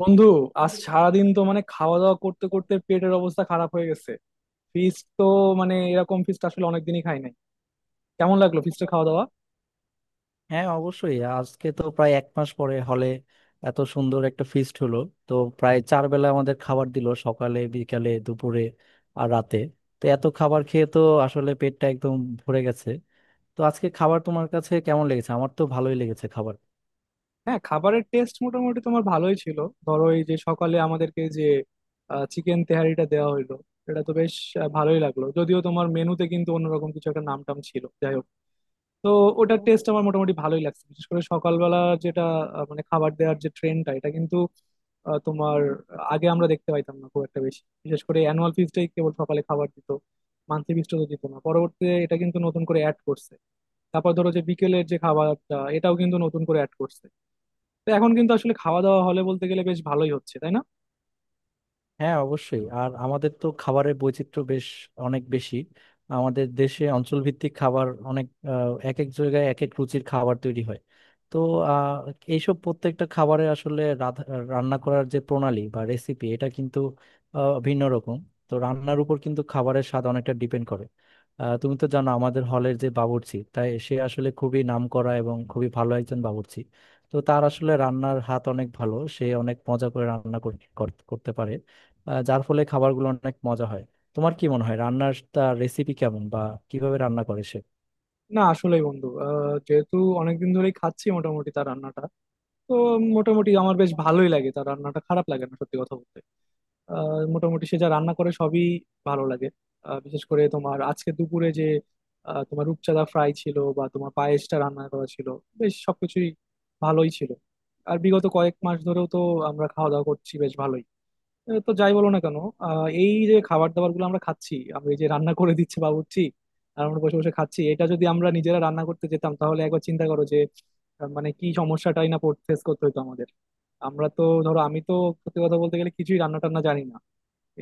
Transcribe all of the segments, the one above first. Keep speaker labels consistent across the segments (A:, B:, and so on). A: বন্ধু, আজ সারাদিন তো মানে খাওয়া দাওয়া করতে করতে পেটের অবস্থা খারাপ হয়ে গেছে। ফিস্ট তো, মানে এরকম ফিস্ট আসলে অনেকদিনই খাই নাই। কেমন লাগলো ফিস্টের খাওয়া দাওয়া?
B: হ্যাঁ, অবশ্যই। আজকে তো প্রায় এক মাস পরে হলে এত সুন্দর একটা ফিস্ট হলো। তো প্রায় চার বেলা আমাদের খাবার দিল — সকালে, বিকালে, দুপুরে আর রাতে। তো এত খাবার খেয়ে তো আসলে পেটটা একদম ভরে গেছে। তো আজকে খাবার তোমার কাছে কেমন লেগেছে? আমার তো ভালোই লেগেছে খাবার।
A: হ্যাঁ, খাবারের টেস্ট মোটামুটি তোমার ভালোই ছিল। ধরো এই যে সকালে আমাদেরকে যে চিকেন তেহারিটা দেওয়া হইলো, এটা তো বেশ আহ, ভালোই লাগলো, যদিও তোমার মেনুতে কিন্তু অন্যরকম কিছু একটা নাম টাম ছিল, যাই হোক। তো ওটার টেস্ট আমার মোটামুটি ভালোই লাগছে, বিশেষ করে সকালবেলা যেটা। আহ, মানে খাবার দেওয়ার যে ট্রেন্ডটা, এটা কিন্তু আহ, তোমার আগে আমরা দেখতে পাইতাম না খুব একটা বেশি, বিশেষ করে অ্যানুয়াল ফিজটাই কেবল সকালে খাবার দিত। মান্থলি ফিজটা তো দিত না, পরবর্তীতে এটা কিন্তু নতুন করে অ্যাড করছে। তারপর ধরো যে বিকেলের যে খাবারটা, এটাও কিন্তু নতুন করে অ্যাড করছে। তো এখন কিন্তু আসলে খাওয়া দাওয়া হলে বলতে গেলে বেশ ভালোই হচ্ছে, তাই না?
B: হ্যাঁ, অবশ্যই। আর আমাদের তো খাবারের বৈচিত্র্য বেশ অনেক বেশি। আমাদের দেশে অঞ্চলভিত্তিক খাবার অনেক, এক এক জায়গায় এক এক রুচির খাবার তৈরি হয়। তো আহ, এইসব প্রত্যেকটা খাবারের আসলে রান্না করার যে প্রণালী বা রেসিপি, এটা কিন্তু ভিন্ন রকম। তো রান্নার উপর কিন্তু খাবারের স্বাদ অনেকটা ডিপেন্ড করে। তুমি তো জানো আমাদের হলের যে বাবুর্চি, তাই সে আসলে খুবই নামকরা এবং খুবই ভালো একজন বাবুর্চি। তো তার আসলে রান্নার হাত অনেক ভালো, সে অনেক মজা করে রান্না করতে পারে। যার ফলে খাবারগুলো অনেক মজা হয়। তোমার কি মনে হয় রান্নার, তার রেসিপি কেমন বা কিভাবে রান্না করে সে?
A: না, আসলেই বন্ধু আহ, যেহেতু অনেকদিন ধরেই খাচ্ছি মোটামুটি তার রান্নাটা, তো মোটামুটি আমার বেশ ভালোই লাগে তার রান্নাটা, খারাপ লাগে না সত্যি কথা বলতে। আহ, মোটামুটি সে যা রান্না করে সবই ভালো লাগে। আহ, বিশেষ করে তোমার আজকে দুপুরে যে আহ, তোমার রূপচাঁদা ফ্রাই ছিল বা তোমার পায়েসটা রান্না করা ছিল, বেশ সবকিছুই ভালোই ছিল। আর বিগত কয়েক মাস ধরেও তো আমরা খাওয়া দাওয়া করছি বেশ ভালোই। এ, তো যাই বলো না কেন আহ, এই যে খাবার দাবার গুলো আমরা খাচ্ছি, আমরা এই যে রান্না করে দিচ্ছে বাবুর্চি আর আমরা বসে বসে খাচ্ছি, এটা যদি আমরা নিজেরা রান্না করতে যেতাম তাহলে একবার চিন্তা করো যে আহ, মানে কি সমস্যাটাই না ফেস করতে হতো আমাদের। আমরা তো ধরো, আমি তো সত্যি কথা বলতে গেলে কিছুই রান্না টান্না জানি না।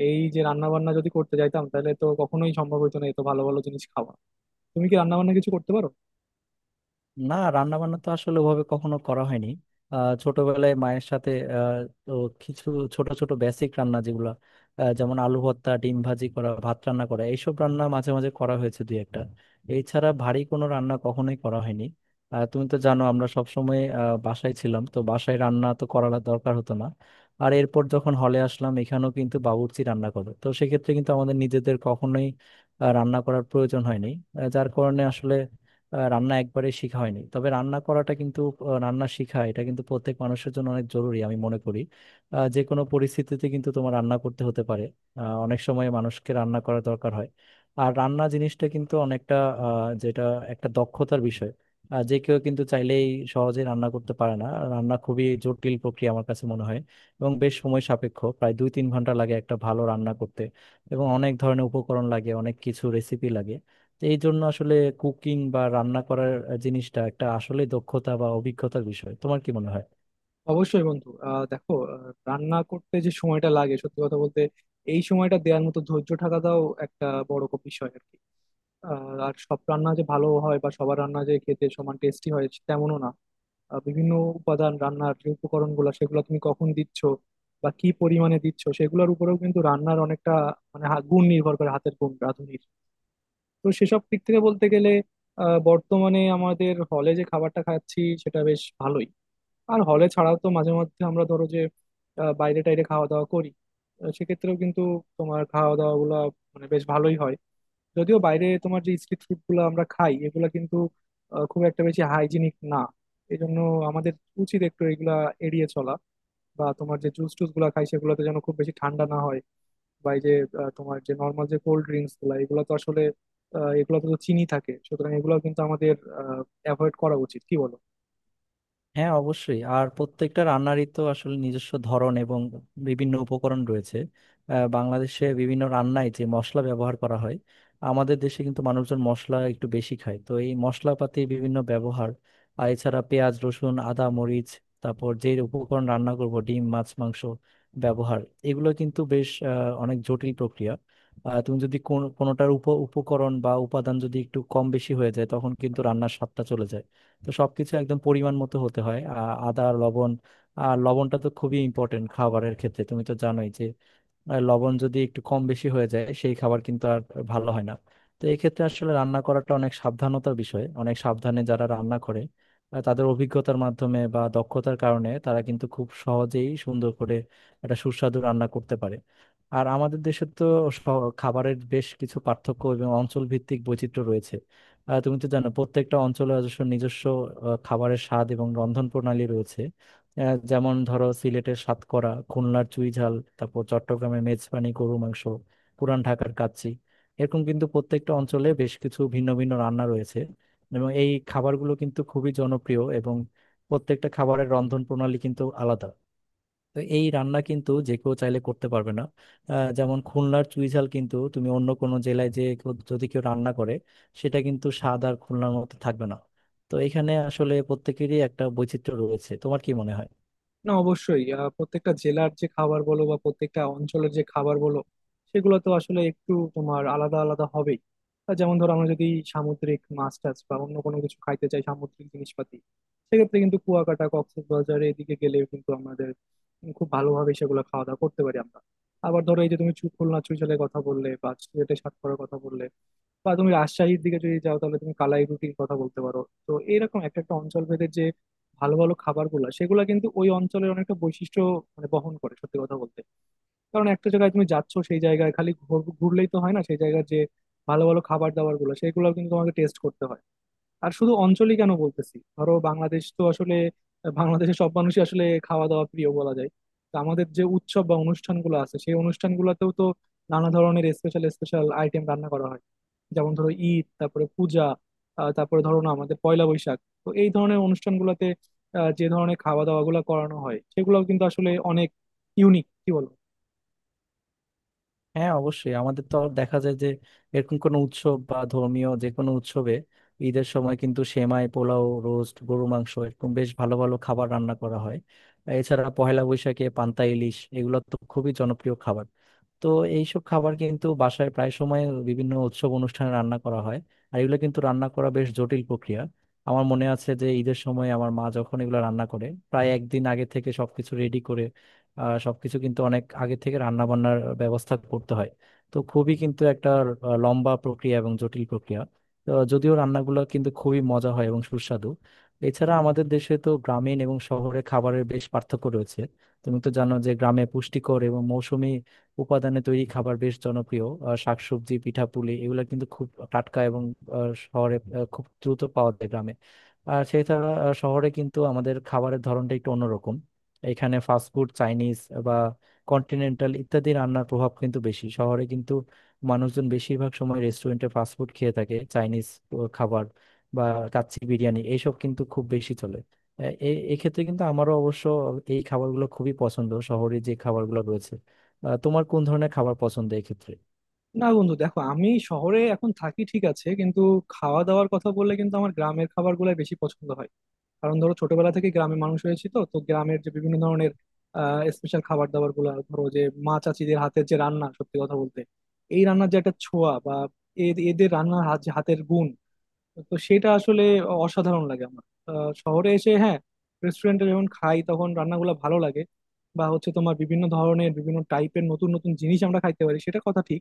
A: এই যে রান্না বান্না যদি করতে যাইতাম তাহলে তো কখনোই সম্ভব হতো না এত ভালো ভালো জিনিস খাওয়া। তুমি কি রান্না বান্না কিছু করতে পারো?
B: না, রান্না বান্না তো আসলে ওভাবে কখনো করা হয়নি। ছোটবেলায় মায়ের সাথে আহ, তো কিছু ছোট ছোট বেসিক রান্না যেগুলো, যেমন আলু ভর্তা, ডিম ভাজি করা, ভাত রান্না করা, এইসব রান্না মাঝে মাঝে করা হয়েছে দুই একটা। এছাড়া ভারী কোনো রান্না কখনোই করা হয়নি। আর তুমি তো জানো আমরা সবসময় বাসায় ছিলাম, তো বাসায় রান্না তো করা দরকার হতো না। আর এরপর যখন হলে আসলাম, এখানেও কিন্তু বাবুর্চি রান্না করে, তো সেক্ষেত্রে কিন্তু আমাদের নিজেদের কখনোই রান্না করার প্রয়োজন হয়নি। যার কারণে আসলে রান্না একবারে শেখা হয়নি। তবে রান্না করাটা কিন্তু, রান্না শেখা এটা কিন্তু প্রত্যেক মানুষের জন্য অনেক জরুরি আমি মনে করি। যে কোনো পরিস্থিতিতে কিন্তু তোমার রান্না করতে হতে পারে। অনেক সময় মানুষকে রান্না করা দরকার হয়। আর রান্না জিনিসটা কিন্তু অনেকটা, আহ, যেটা একটা দক্ষতার বিষয়। যে কেউ কিন্তু চাইলেই সহজে রান্না করতে পারে না। রান্না খুবই জটিল প্রক্রিয়া আমার কাছে মনে হয়, এবং বেশ সময় সাপেক্ষ, প্রায় 2-3 ঘন্টা লাগে একটা ভালো রান্না করতে। এবং অনেক ধরনের উপকরণ লাগে, অনেক কিছু রেসিপি লাগে। তো এই জন্য আসলে কুকিং বা রান্না করার জিনিসটা একটা আসলে দক্ষতা বা অভিজ্ঞতার বিষয়। তোমার কি মনে হয়?
A: অবশ্যই বন্ধু, আহ দেখো, আহ, রান্না করতে যে সময়টা লাগে সত্যি কথা বলতে, এই সময়টা দেওয়ার মতো ধৈর্য থাকাটাও একটা বড় বিষয় আর কি। আহ, আর সব রান্না যে ভালো হয় বা সবার রান্না যে খেতে সমান টেস্টি হয়, তেমনও না। আহ, বিভিন্ন উপাদান, রান্নার যে উপকরণ গুলা সেগুলো তুমি কখন দিচ্ছ বা কি পরিমাণে দিচ্ছ সেগুলোর উপরেও কিন্তু রান্নার অনেকটা মানে গুণ নির্ভর করে, হাতের গুণ রাঁধুনির। তো সেসব দিক থেকে বলতে গেলে আহ, বর্তমানে আমাদের হলে যে খাবারটা খাচ্ছি সেটা বেশ ভালোই। আর হলে ছাড়াও তো মাঝে মধ্যে আমরা ধরো যে আহ, বাইরে টাইরে খাওয়া দাওয়া করি। আহ, সেক্ষেত্রেও কিন্তু তোমার খাওয়া দাওয়া গুলা মানে বেশ ভালোই হয়। যদিও বাইরে তোমার যে স্ট্রিট ফুড গুলো আমরা খাই, এগুলা কিন্তু আহ, খুব একটা বেশি হাইজিনিক না। এই জন্য আমাদের উচিত একটু এগুলা এড়িয়ে চলা। বা তোমার যে জুস টুস গুলা খাই, সেগুলোতে যেন খুব বেশি ঠান্ডা না হয়। বা এই যে আহ, তোমার যে নর্মাল যে কোল্ড ড্রিঙ্কস গুলা, এগুলো তো আসলে আহ, এগুলোতে তো চিনি থাকে, সুতরাং এগুলো কিন্তু আমাদের অ্যাভয়েড করা উচিত, কি বলো?
B: হ্যাঁ, অবশ্যই। আর প্রত্যেকটা রান্নারই তো আসলে নিজস্ব ধরন এবং বিভিন্ন উপকরণ রয়েছে। বাংলাদেশে বিভিন্ন রান্নায় যে মশলা ব্যবহার করা হয়, আমাদের দেশে কিন্তু মানুষজন মশলা একটু বেশি খায়, তো এই মশলাপাতি বিভিন্ন ব্যবহার। আর এছাড়া পেঁয়াজ, রসুন, আদা, মরিচ, তারপর যে উপকরণ রান্না করব — ডিম, মাছ, মাংস ব্যবহার। এগুলো কিন্তু বেশ, অনেক জটিল প্রক্রিয়া। তুমি যদি কোনোটার উপকরণ বা উপাদান যদি একটু কম বেশি হয়ে যায়, তখন কিন্তু রান্নার স্বাদটা চলে যায়। তো সবকিছু একদম পরিমাণ মতো হতে হয় — আদা, লবণ। আর লবণটা তো খুবই ইম্পর্টেন্ট খাবারের ক্ষেত্রে, তুমি তো জানোই যে আর লবণ যদি একটু কম বেশি হয়ে যায় সেই খাবার কিন্তু আর ভালো হয় না। তো এই ক্ষেত্রে আসলে রান্না করাটা অনেক সাবধানতার বিষয়, অনেক সাবধানে যারা রান্না করে তাদের অভিজ্ঞতার মাধ্যমে বা দক্ষতার কারণে তারা কিন্তু খুব সহজেই সুন্দর করে একটা সুস্বাদু রান্না করতে পারে। আর আমাদের দেশে তো স- খাবারের বেশ কিছু পার্থক্য এবং অঞ্চল ভিত্তিক বৈচিত্র্য রয়েছে। তুমি তো জানো প্রত্যেকটা অঞ্চলে অবশ্য নিজস্ব খাবারের স্বাদ এবং রন্ধন প্রণালী রয়েছে। যেমন ধরো সিলেটের সাতকরা, খুলনার চুইঝাল, তারপর চট্টগ্রামের মেজবানি গরু মাংস, পুরান ঢাকার কাচ্চি — এরকম কিন্তু প্রত্যেকটা অঞ্চলে বেশ কিছু ভিন্ন ভিন্ন রান্না রয়েছে। এবং এই খাবারগুলো কিন্তু খুবই জনপ্রিয়, এবং প্রত্যেকটা খাবারের রন্ধন প্রণালী কিন্তু আলাদা। তো এই রান্না কিন্তু যে কেউ চাইলে করতে পারবে না। যেমন খুলনার চুইঝাল কিন্তু তুমি অন্য কোনো জেলায় যদি কেউ রান্না করে, সেটা কিন্তু স্বাদ আর খুলনার মতো থাকবে না। তো এখানে আসলে প্রত্যেকেরই একটা বৈচিত্র্য রয়েছে। তোমার কি মনে হয়?
A: না, অবশ্যই আহ, প্রত্যেকটা জেলার যে খাবার বলো বা প্রত্যেকটা অঞ্চলের যে খাবার বলো, সেগুলো তো আসলে একটু তোমার আলাদা আলাদা হবেই। আহ, যেমন ধরো আমরা যদি সামুদ্রিক মাছ টাছ বা অন্য কোনো কিছু খাইতে চাই, সামুদ্রিক জিনিসপাতি, সেক্ষেত্রে কিন্তু কুয়াকাটা কক্সবাজার এদিকে গেলে কিন্তু আমাদের খুব ভালোভাবে সেগুলো খাওয়া দাওয়া করতে পারি আমরা। আবার ধরো এই যে তুমি খুলনা চুইঝালের কথা বললে বা সিলেটের সাতকড়ার কথা বললে, বা তুমি রাজশাহীর দিকে যদি যাও তাহলে তুমি কালাই রুটির কথা বলতে পারো। তো এরকম একটা একটা অঞ্চল ভেদে যে ভালো ভালো খাবারগুলো, সেগুলো কিন্তু ওই অঞ্চলের অনেকটা বৈশিষ্ট্য মানে বহন করে সত্যি কথা বলতে। কারণ একটা জায়গায় তুমি যাচ্ছ, সেই জায়গায় খালি ঘুরলেই তো হয় না, সেই জায়গার যে ভালো ভালো খাবার দাবার গুলো সেগুলো কিন্তু তোমাকে টেস্ট করতে হয়। আর শুধু অঞ্চলই কেন বলতেছি, ধরো বাংলাদেশ তো আসলে, বাংলাদেশের সব মানুষই আসলে খাওয়া দাওয়া প্রিয় বলা যায়। তো আমাদের যে উৎসব বা অনুষ্ঠানগুলো আছে, সেই অনুষ্ঠানগুলোতেও তো নানা ধরনের স্পেশাল স্পেশাল আইটেম রান্না করা হয়। যেমন ধরো ঈদ, তারপরে পূজা, আহ, তারপরে ধরো না আমাদের পয়লা বৈশাখ। তো এই ধরনের অনুষ্ঠানগুলোতে আহ, যে ধরনের খাওয়া দাওয়া গুলো করানো হয় সেগুলোও কিন্তু আসলে অনেক ইউনিক, কি বলবো।
B: হ্যাঁ, অবশ্যই। আমাদের তো আর দেখা যায় যে এরকম কোনো উৎসব বা ধর্মীয় যে কোনো উৎসবে, ঈদের সময় কিন্তু সেমাই, পোলাও, রোস্ট, গরু মাংস এরকম বেশ ভালো ভালো খাবার রান্না করা হয়। এছাড়া পহেলা বৈশাখে পান্তা ইলিশ, এগুলো তো খুবই জনপ্রিয় খাবার। তো এইসব খাবার কিন্তু বাসায় প্রায় সময় বিভিন্ন উৎসব অনুষ্ঠানে রান্না করা হয়। আর এগুলো কিন্তু রান্না করা বেশ জটিল প্রক্রিয়া। আমার মনে আছে যে ঈদের সময় আমার মা যখন এগুলো রান্না করে, প্রায় একদিন আগে থেকে সবকিছু রেডি করে। সবকিছু কিন্তু অনেক আগে থেকে রান্না বান্নার ব্যবস্থা করতে হয়। তো খুবই কিন্তু একটা লম্বা প্রক্রিয়া এবং জটিল প্রক্রিয়া। তো যদিও রান্নাগুলো কিন্তু খুবই মজা হয় এবং সুস্বাদু। এছাড়া আমাদের দেশে তো গ্রামীণ এবং শহরে খাবারের বেশ পার্থক্য রয়েছে। তুমি তো জানো যে গ্রামে পুষ্টিকর এবং মৌসুমী উপাদানে তৈরি খাবার বেশ জনপ্রিয়। শাকসবজি, পিঠাপুলি এগুলো কিন্তু খুব টাটকা, এবং শহরে খুব দ্রুত পাওয়া যায় গ্রামে। আর সেছাড়া শহরে কিন্তু আমাদের খাবারের ধরনটা একটু অন্যরকম। এখানে ফাস্টফুড, চাইনিজ বা কন্টিনেন্টাল ইত্যাদি রান্নার প্রভাব কিন্তু বেশি। শহরে কিন্তু মানুষজন বেশিরভাগ সময় রেস্টুরেন্টে ফাস্টফুড খেয়ে থাকে, চাইনিজ খাবার বা কাচ্চি বিরিয়ানি এইসব কিন্তু খুব বেশি চলে। এক্ষেত্রে কিন্তু আমারও অবশ্য এই খাবারগুলো খুবই পছন্দ, শহরে যে খাবারগুলো রয়েছে। তোমার কোন ধরনের খাবার পছন্দ এক্ষেত্রে?
A: না বন্ধু, দেখো আমি শহরে এখন থাকি ঠিক আছে, কিন্তু খাওয়া দাওয়ার কথা বললে কিন্তু আমার গ্রামের খাবার গুলাই বেশি পছন্দ হয়। কারণ ধরো ছোটবেলা থেকে গ্রামে মানুষ হয়েছি, তো তো গ্রামের যে বিভিন্ন ধরনের স্পেশাল খাবার দাবার গুলো, ধরো যে মা চাচিদের হাতের যে রান্না সত্যি কথা বলতে, এই রান্নার যে একটা ছোঁয়া বা এদের রান্নার যে হাতের গুণ, তো সেটা আসলে অসাধারণ লাগে আমার। আহ, শহরে এসে হ্যাঁ, রেস্টুরেন্টে যখন খাই তখন রান্নাগুলো ভালো লাগে। বা হচ্ছে তোমার বিভিন্ন ধরনের বিভিন্ন টাইপের নতুন নতুন জিনিস আমরা খাইতে পারি, সেটা কথা ঠিক।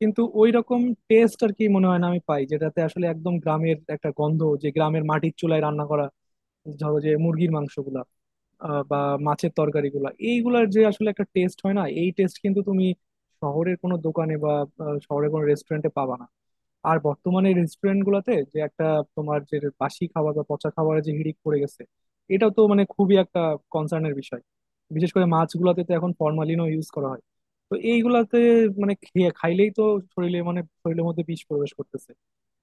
A: কিন্তু ওই রকম টেস্ট আর কি মনে হয় না আমি পাই, যেটাতে আসলে একদম গ্রামের একটা গন্ধ, যে গ্রামের মাটির চুলায় রান্না করা, ধরো যে মুরগির মাংসগুলা আহ, বা মাছের তরকারিগুলা, এইগুলার যে আসলে একটা টেস্ট হয় না, এই টেস্ট কিন্তু তুমি শহরের কোনো দোকানে বা আহ, শহরের কোনো রেস্টুরেন্টে পাবা না। আর বর্তমানে রেস্টুরেন্ট গুলাতে যে একটা তোমার যে বাসি খাবার বা পচা খাবারের যে হিড়িক পড়ে গেছে, এটাও তো মানে খুবই একটা কনসার্নের বিষয়। বিশেষ করে মাছগুলাতে তো এখন ফরমালিনও ইউজ করা হয়। তো এইগুলাতে মানে খেয়ে খাইলেই তো শরীরে মানে শরীরের মধ্যে বিষ প্রবেশ করতেছে।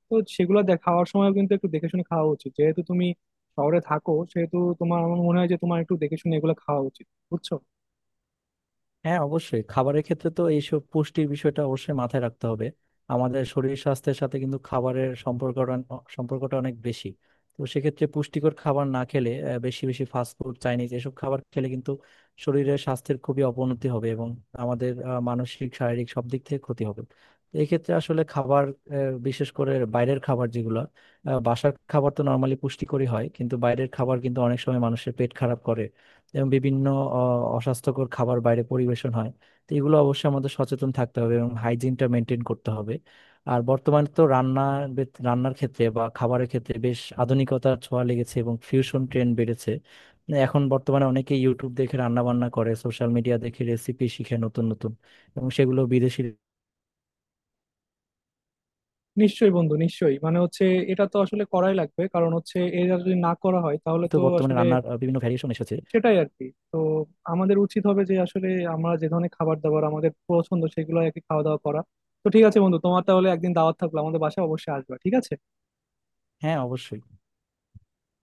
A: তো সেগুলো দেখ খাওয়ার সময় কিন্তু একটু দেখে শুনে খাওয়া উচিত। যেহেতু তুমি শহরে থাকো, সেহেতু তোমার, আমার মনে হয় যে তোমার একটু দেখে শুনে এগুলো খাওয়া উচিত, বুঝছো?
B: হ্যাঁ, অবশ্যই। খাবারের ক্ষেত্রে তো এইসব পুষ্টির বিষয়টা অবশ্যই মাথায় রাখতে হবে। আমাদের শরীর স্বাস্থ্যের সাথে কিন্তু খাবারের সম্পর্কটা সম্পর্কটা অনেক বেশি। তো সেক্ষেত্রে পুষ্টিকর খাবার না খেলে, বেশি বেশি ফাস্টফুড চাইনিজ এসব খাবার খেলে কিন্তু শরীরের স্বাস্থ্যের খুবই অবনতি হবে, এবং আমাদের মানসিক শারীরিক সব দিক থেকে ক্ষতি হবে। এক্ষেত্রে আসলে খাবার, বিশেষ করে বাইরের খাবার যেগুলো, বাসার খাবার তো নর্মালি পুষ্টিকরই হয়, কিন্তু বাইরের খাবার কিন্তু অনেক সময় মানুষের পেট খারাপ করে এবং বিভিন্ন অ- অস্বাস্থ্যকর খাবার বাইরে পরিবেশন হয়। তো এগুলো অবশ্যই আমাদের সচেতন থাকতে হবে এবং হাইজিনটা মেনটেন করতে হবে। আর বর্তমানে তো রান্নার রান্নার ক্ষেত্রে বা খাবারের ক্ষেত্রে বেশ আধুনিকতার ছোঁয়া লেগেছে এবং ফিউশন ট্রেন্ড বেড়েছে। এখন বর্তমানে অনেকে ইউটিউব দেখে রান্না বান্না করে, সোশ্যাল মিডিয়া দেখে রেসিপি শিখে নতুন নতুন, এবং সেগুলো বিদেশি।
A: নিশ্চয়ই বন্ধু, নিশ্চয়ই, মানে হচ্ছে এটা তো আসলে করাই লাগবে, কারণ হচ্ছে এটা যদি না করা হয় তাহলে
B: তো
A: তো
B: বর্তমানে
A: আসলে,
B: রান্নার বিভিন্ন ভ্যারিয়েশন এসেছে।
A: সেটাই আর কি। তো আমাদের উচিত হবে যে আসলে আমরা যে ধরনের খাবার দাবার আমাদের পছন্দ সেগুলো আর কি খাওয়া দাওয়া করা। তো ঠিক আছে বন্ধু, তোমার তাহলে একদিন দাওয়াত থাকলো, আমাদের বাসায় অবশ্যই আসবে, ঠিক আছে?
B: হ্যাঁ, অবশ্যই।